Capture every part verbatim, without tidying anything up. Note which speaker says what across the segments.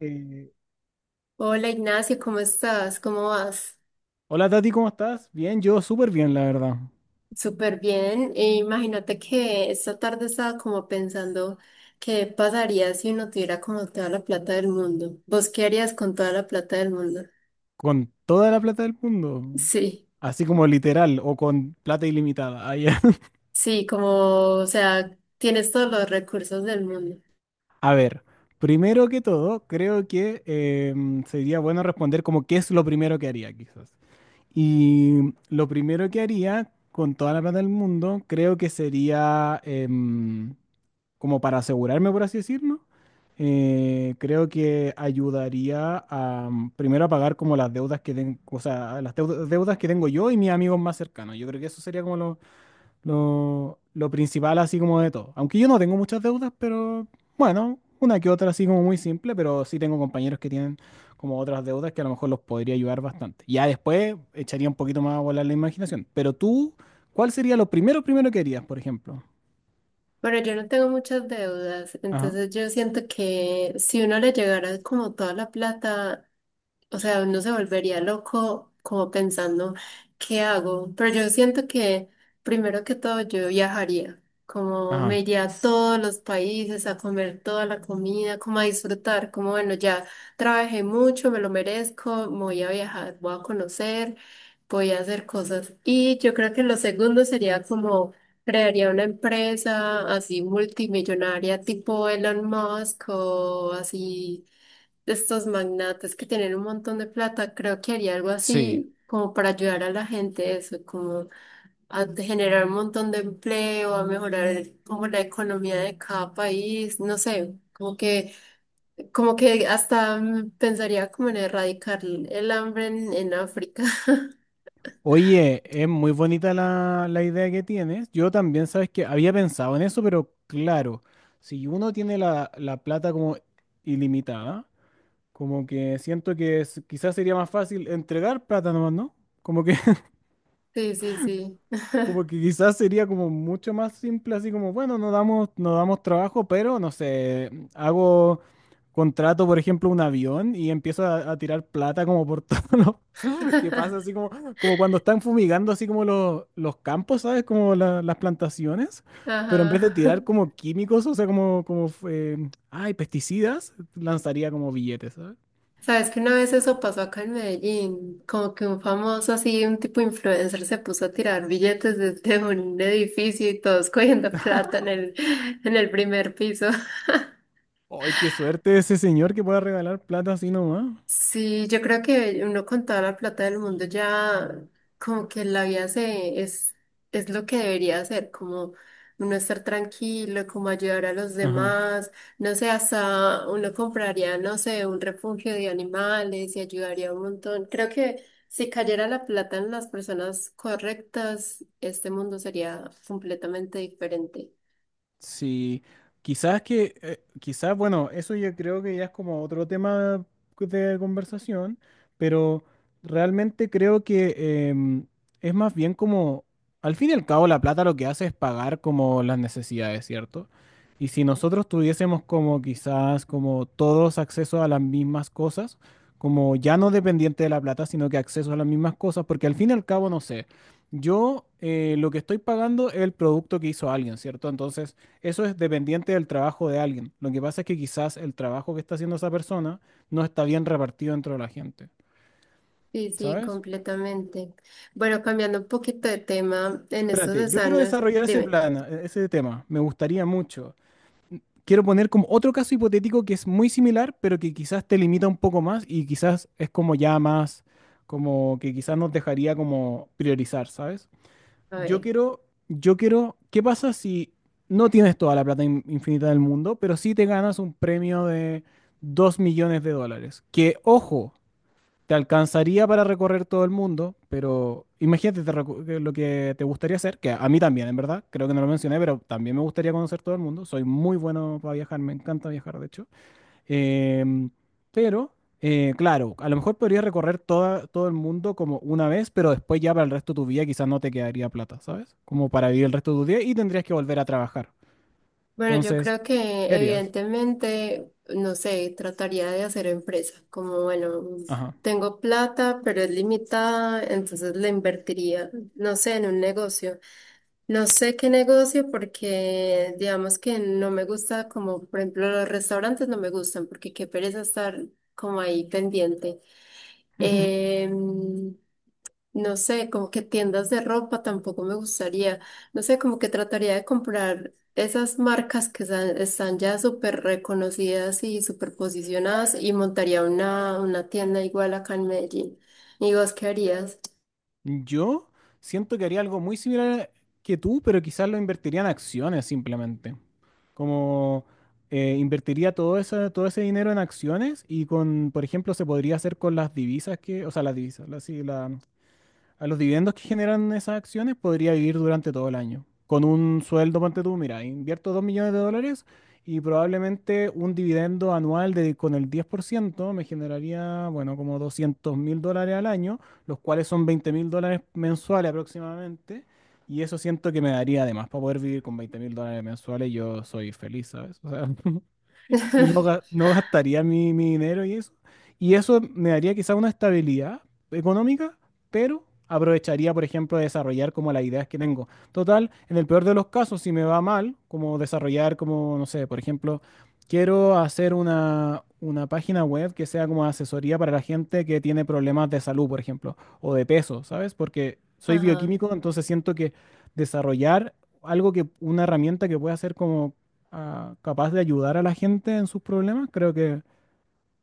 Speaker 1: Eh,
Speaker 2: Hola Ignacio, ¿cómo estás? ¿Cómo vas?
Speaker 1: hola Tati, ¿cómo estás? Bien, yo súper bien, la verdad.
Speaker 2: Súper bien. E imagínate que esta tarde estaba como pensando qué pasaría si uno tuviera como toda la plata del mundo. ¿Vos qué harías con toda la plata del mundo?
Speaker 1: Con toda la plata del mundo.
Speaker 2: Sí,
Speaker 1: Así como literal, o con plata ilimitada. Ah, ya.
Speaker 2: sí, como, o sea, tienes todos los recursos del mundo.
Speaker 1: A ver, primero que todo, creo que em, sería bueno responder como qué es lo primero que haría, quizás. Y lo primero que haría con toda la plata del mundo, creo que sería... em, como para asegurarme, por así decirlo, eh, creo que ayudaría a mm, primero a pagar como las deudas que tengo, o sea, las deu- deudas que tengo yo y mis amigos más cercanos. Yo creo que eso sería como lo, lo, lo principal, así como de todo. Aunque yo no tengo muchas deudas, pero bueno, una que otra así como muy simple, pero sí tengo compañeros que tienen como otras deudas que a lo mejor los podría ayudar bastante. Ya después echaría un poquito más a volar la imaginación. Pero tú, ¿cuál sería lo primero, primero que harías, por ejemplo?
Speaker 2: Bueno, yo no tengo muchas deudas,
Speaker 1: Ajá,
Speaker 2: entonces yo siento que si uno le llegara como toda la plata, o sea, uno se volvería loco como pensando, ¿qué hago? Pero yo siento que primero que todo yo viajaría, como me
Speaker 1: ajá.
Speaker 2: iría a todos los países a comer toda la comida, como a disfrutar, como bueno, ya trabajé mucho, me lo merezco, me voy a viajar, voy a conocer, voy a hacer cosas. Y yo creo que lo segundo sería como crearía una empresa así multimillonaria tipo Elon Musk o así, de estos magnates que tienen un montón de plata. Creo que haría algo
Speaker 1: Sí.
Speaker 2: así como para ayudar a la gente, eso, como a generar un montón de empleo, a mejorar como la economía de cada país, no sé. Como que, como que hasta mm, pensaría como en erradicar el hambre en, en África.
Speaker 1: Oye, es muy bonita la, la idea que tienes. Yo también, sabes que había pensado en eso, pero claro, si uno tiene la, la plata como ilimitada, como que siento que es- quizás sería más fácil entregar plata nomás, ¿no? Como que,
Speaker 2: Sí, sí, sí.
Speaker 1: como que quizás sería como mucho más simple, así como, bueno, no damos, no damos trabajo, pero no sé, hago, contrato, por ejemplo, un avión y empiezo a, a tirar plata como por todos los que pasa así como, como cuando están fumigando así como los, los campos, ¿sabes? Como la- las plantaciones, pero en vez
Speaker 2: Ajá.
Speaker 1: de tirar como químicos, o sea, como, como eh, ay, pesticidas, lanzaría como billetes, ¿sabes?
Speaker 2: Sabes que una vez eso pasó acá en Medellín, como que un famoso así, un tipo influencer se puso a tirar billetes desde un edificio y todos cogiendo plata en el, en el primer piso.
Speaker 1: ¡Ay, qué suerte ese señor que pueda regalar plata así nomás!
Speaker 2: Sí, yo creo que uno con toda la plata del mundo ya como que la vida se, es, es lo que debería hacer, como uno estar tranquilo, como ayudar a los
Speaker 1: Ajá.
Speaker 2: demás, no sé, hasta uno compraría, no sé, un refugio de animales y ayudaría un montón. Creo que si cayera la plata en las personas correctas, este mundo sería completamente diferente.
Speaker 1: Sí, quizás que, eh, quizás, bueno, eso yo creo que ya es como otro tema de conversación, pero realmente creo que em, es más bien como, al fin y al cabo, la plata lo que hace es pagar como las necesidades, ¿cierto? Y si nosotros tuviésemos como quizás como todos acceso a las mismas cosas, como ya no dependiente de la plata, sino que acceso a las mismas cosas, porque al fin y al cabo, no sé, yo eh, lo que estoy pagando es el producto que hizo alguien, ¿cierto? Entonces... Eso es dependiente del trabajo de alguien. Lo que pasa es que quizás el trabajo que está haciendo esa persona no está bien repartido dentro de la gente,
Speaker 2: Sí, sí,
Speaker 1: ¿sabes?
Speaker 2: completamente. Bueno, cambiando un poquito de tema en estos
Speaker 1: Espérate,
Speaker 2: dos
Speaker 1: yo quiero
Speaker 2: años,
Speaker 1: desarrollar ese
Speaker 2: dime.
Speaker 1: plan, e- ese tema. Me gustaría mucho. Quiero poner como otro caso hipotético que es muy similar, pero que quizás te limita un poco más y quizás es como ya más, como que quizás nos dejaría como priorizar, ¿sabes?
Speaker 2: A
Speaker 1: Yo
Speaker 2: ver,
Speaker 1: quiero, yo quiero, ¿qué pasa si no tienes toda la plata in- infinita del mundo, pero sí te ganas un premio de dos millones de dólares? Que, ojo, te alcanzaría para recorrer todo el mundo, pero imagínate te recu- que lo que te gustaría hacer, que a mí también, en verdad, creo que no lo mencioné, pero también me gustaría conocer todo el mundo. Soy muy bueno para viajar, me encanta viajar, de hecho. Em, pero, eh, claro, a lo mejor podrías recorrer toda, todo el mundo como una vez, pero después ya para el resto de tu vida quizás no te quedaría plata, ¿sabes? Como para vivir el resto de tu día y tendrías que volver a trabajar.
Speaker 2: bueno, yo
Speaker 1: Entonces,
Speaker 2: creo que
Speaker 1: ¿qué harías?
Speaker 2: evidentemente, no sé, trataría de hacer empresa, como bueno,
Speaker 1: Ajá.
Speaker 2: tengo plata, pero es limitada, entonces la invertiría, no sé, en un negocio. No sé qué negocio porque digamos que no me gusta, como por ejemplo los restaurantes no me gustan, porque qué pereza estar como ahí pendiente. Em, No sé, como que tiendas de ropa tampoco me gustaría. No sé, como que trataría de comprar esas marcas que sa- están ya súper reconocidas y súper posicionadas y montaría una, una tienda igual acá en Medellín. ¿Y vos qué harías?
Speaker 1: Yo siento que haría algo muy similar que tú, pero quizás lo invertiría en acciones simplemente. Como eh, invertiría todo ese, todo ese dinero en acciones y con, por ejemplo, se podría hacer con las divisas que, o sea, las divisas, las, A los dividendos que generan esas acciones podría vivir durante todo el año. Con un sueldo, ponte tú, mira, invierto dos millones de dólares y probablemente un dividendo anual de, con el diez por ciento me generaría, bueno, como doscientos mil dólares al año, los cuales son veinte mil dólares mensuales aproximadamente. Y eso siento que me daría además para poder vivir con veinte mil dólares mensuales. Yo soy feliz, ¿sabes? O sea, y no, ga- no gastaría mi, mi dinero y eso. Y eso me daría quizá una estabilidad económica, pero aprovecharía, por ejemplo, de desarrollar como las ideas que tengo. Total, en el peor de los casos, si me va mal, como desarrollar como, no sé, por ejemplo, quiero hacer una, una página web que sea como asesoría para la gente que tiene problemas de salud, por ejemplo, o de peso, ¿sabes? Porque soy
Speaker 2: Ajá.
Speaker 1: bioquímico, entonces siento que desarrollar algo que, una herramienta que pueda ser como ah, capaz de ayudar a la gente en sus problemas, creo que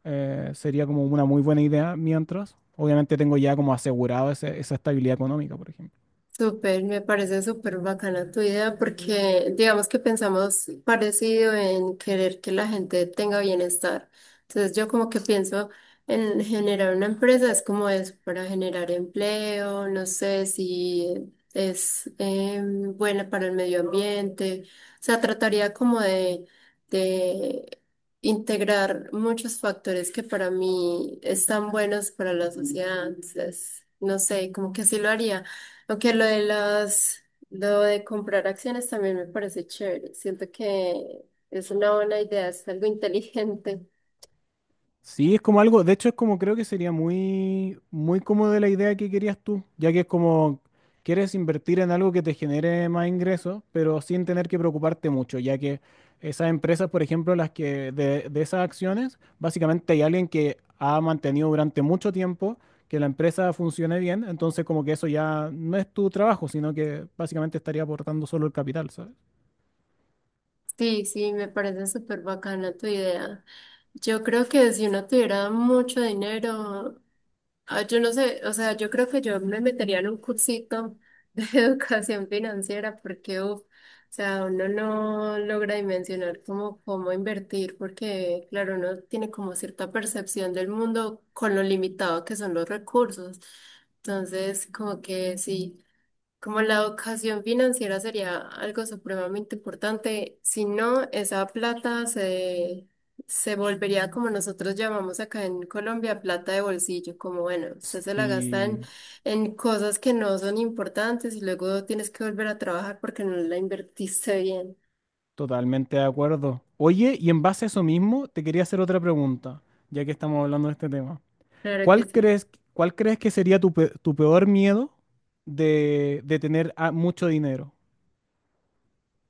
Speaker 1: eh, sería como una muy buena idea mientras. Obviamente tengo ya como asegurado ese- esa estabilidad económica, por ejemplo.
Speaker 2: Súper, me parece súper bacana tu idea porque digamos que pensamos parecido en querer que la gente tenga bienestar. Entonces yo como que pienso en generar una empresa, es como eso, para generar empleo, no sé si es eh, buena para el medio ambiente. O sea, trataría como de, de integrar muchos factores que para mí están buenos para la sociedad. Entonces, no sé, como que así lo haría. Aunque lo de las, lo de comprar acciones también me parece chévere. Siento que es una buena idea, es algo inteligente.
Speaker 1: Sí, es como algo, de hecho es como creo que sería muy, muy como de la idea que querías tú, ya que es como quieres invertir en algo que te genere más ingresos, pero sin tener que preocuparte mucho, ya que esas empresas, por ejemplo, las que de, de esas acciones, básicamente hay alguien que ha mantenido durante mucho tiempo que la empresa funcione bien, entonces como que eso ya no es tu trabajo, sino que básicamente estaría aportando solo el capital, ¿sabes?
Speaker 2: Sí, sí, me parece súper bacana tu idea. Yo creo que si uno tuviera mucho dinero, ah, yo no sé, o sea, yo creo que yo me metería en un cursito de educación financiera porque, uf, o sea, uno no logra dimensionar cómo, cómo invertir porque, claro, uno tiene como cierta percepción del mundo con lo limitado que son los recursos. Entonces, como que sí. Como la educación financiera sería algo supremamente importante, si no, esa plata se, se volvería como nosotros llamamos acá en Colombia plata de bolsillo, como bueno, usted se la gasta en,
Speaker 1: Sí.
Speaker 2: en cosas que no son importantes y luego tienes que volver a trabajar porque no la invertiste bien.
Speaker 1: Totalmente de acuerdo. Oye, y en base a eso mismo, te quería hacer otra pregunta, ya que estamos hablando de este tema.
Speaker 2: Claro que
Speaker 1: ¿Cuál
Speaker 2: sí.
Speaker 1: crees, cuál crees que sería tu, pe- tu peor miedo de, de tener ah, mucho dinero?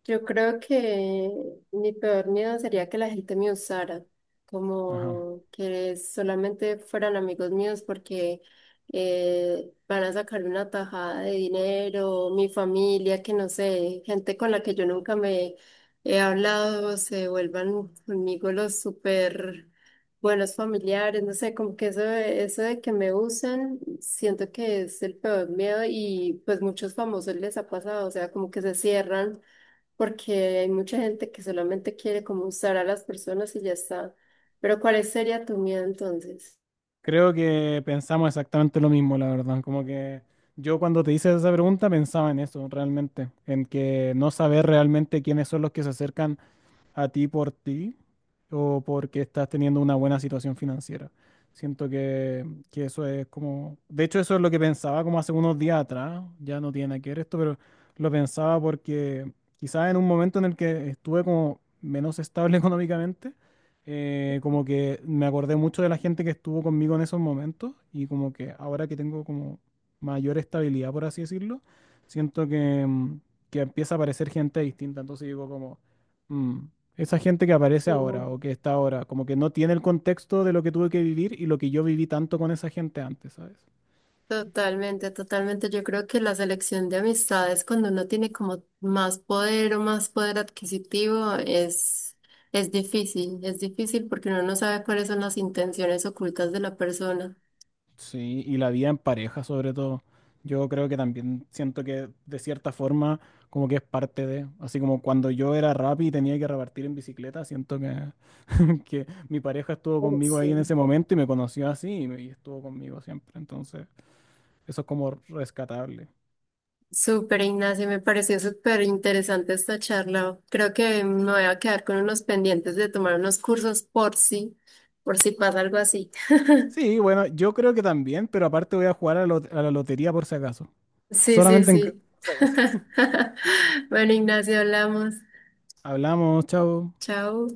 Speaker 2: Yo creo que mi peor miedo sería que la gente me usara,
Speaker 1: Ajá.
Speaker 2: como que solamente fueran amigos míos porque eh, van a sacar una tajada de dinero, mi familia, que no sé, gente con la que yo nunca me he hablado, se vuelvan conmigo los súper buenos familiares, no sé, como que eso, de- eso de que me usen, siento que es el peor miedo y pues muchos famosos les ha pasado, o sea, como que se cierran porque hay mucha gente que solamente quiere como usar a las personas y ya está. Pero ¿cuál sería tu miedo entonces?
Speaker 1: Creo que pensamos exactamente lo mismo, la verdad. Como que yo cuando te hice esa pregunta pensaba en eso, realmente, en que no saber realmente quiénes son los que se acercan a ti por ti o porque estás teniendo una buena situación financiera. Siento que, que eso es como, de hecho eso es lo que pensaba como hace unos días atrás, ya no tiene nada que ver esto, pero lo pensaba porque quizás en un momento en el que estuve como menos estable económicamente, eh, como que me acordé mucho de la gente que estuvo conmigo en esos momentos y como que ahora que tengo como mayor estabilidad, por así decirlo, siento que, mm, que empieza a aparecer gente distinta, entonces digo como... Mm. Esa gente que aparece
Speaker 2: Sí, no.
Speaker 1: ahora o que está ahora, como que no tiene el contexto de lo que tuve que vivir y lo que yo viví tanto con esa gente antes, ¿sabes?
Speaker 2: Totalmente, totalmente. Yo creo que la selección de amistades cuando uno tiene como más poder o más poder adquisitivo es, es difícil, es difícil porque uno no sabe cuáles son las intenciones ocultas de la persona.
Speaker 1: Sí, y la vida en pareja sobre todo. Yo creo que también siento que de cierta forma como que es parte de, así como cuando yo era rap y tenía que repartir en bicicleta, siento que, que mi pareja estuvo
Speaker 2: Pues,
Speaker 1: conmigo
Speaker 2: sí.
Speaker 1: ahí en ese momento y me conoció así y, me- y estuvo conmigo siempre. Entonces, eso es como rescatable.
Speaker 2: Súper, Ignacio, me pareció súper interesante esta charla. Creo que me voy a quedar con unos pendientes de tomar unos cursos por si, por si pasa algo así.
Speaker 1: Sí, bueno, yo creo que también, pero aparte voy a jugar a, la lot- a la lotería por si acaso.
Speaker 2: Sí, sí,
Speaker 1: Solamente en
Speaker 2: sí.
Speaker 1: caso.
Speaker 2: Bueno, Ignacio, hablamos.
Speaker 1: Hablamos, chao.
Speaker 2: Chao.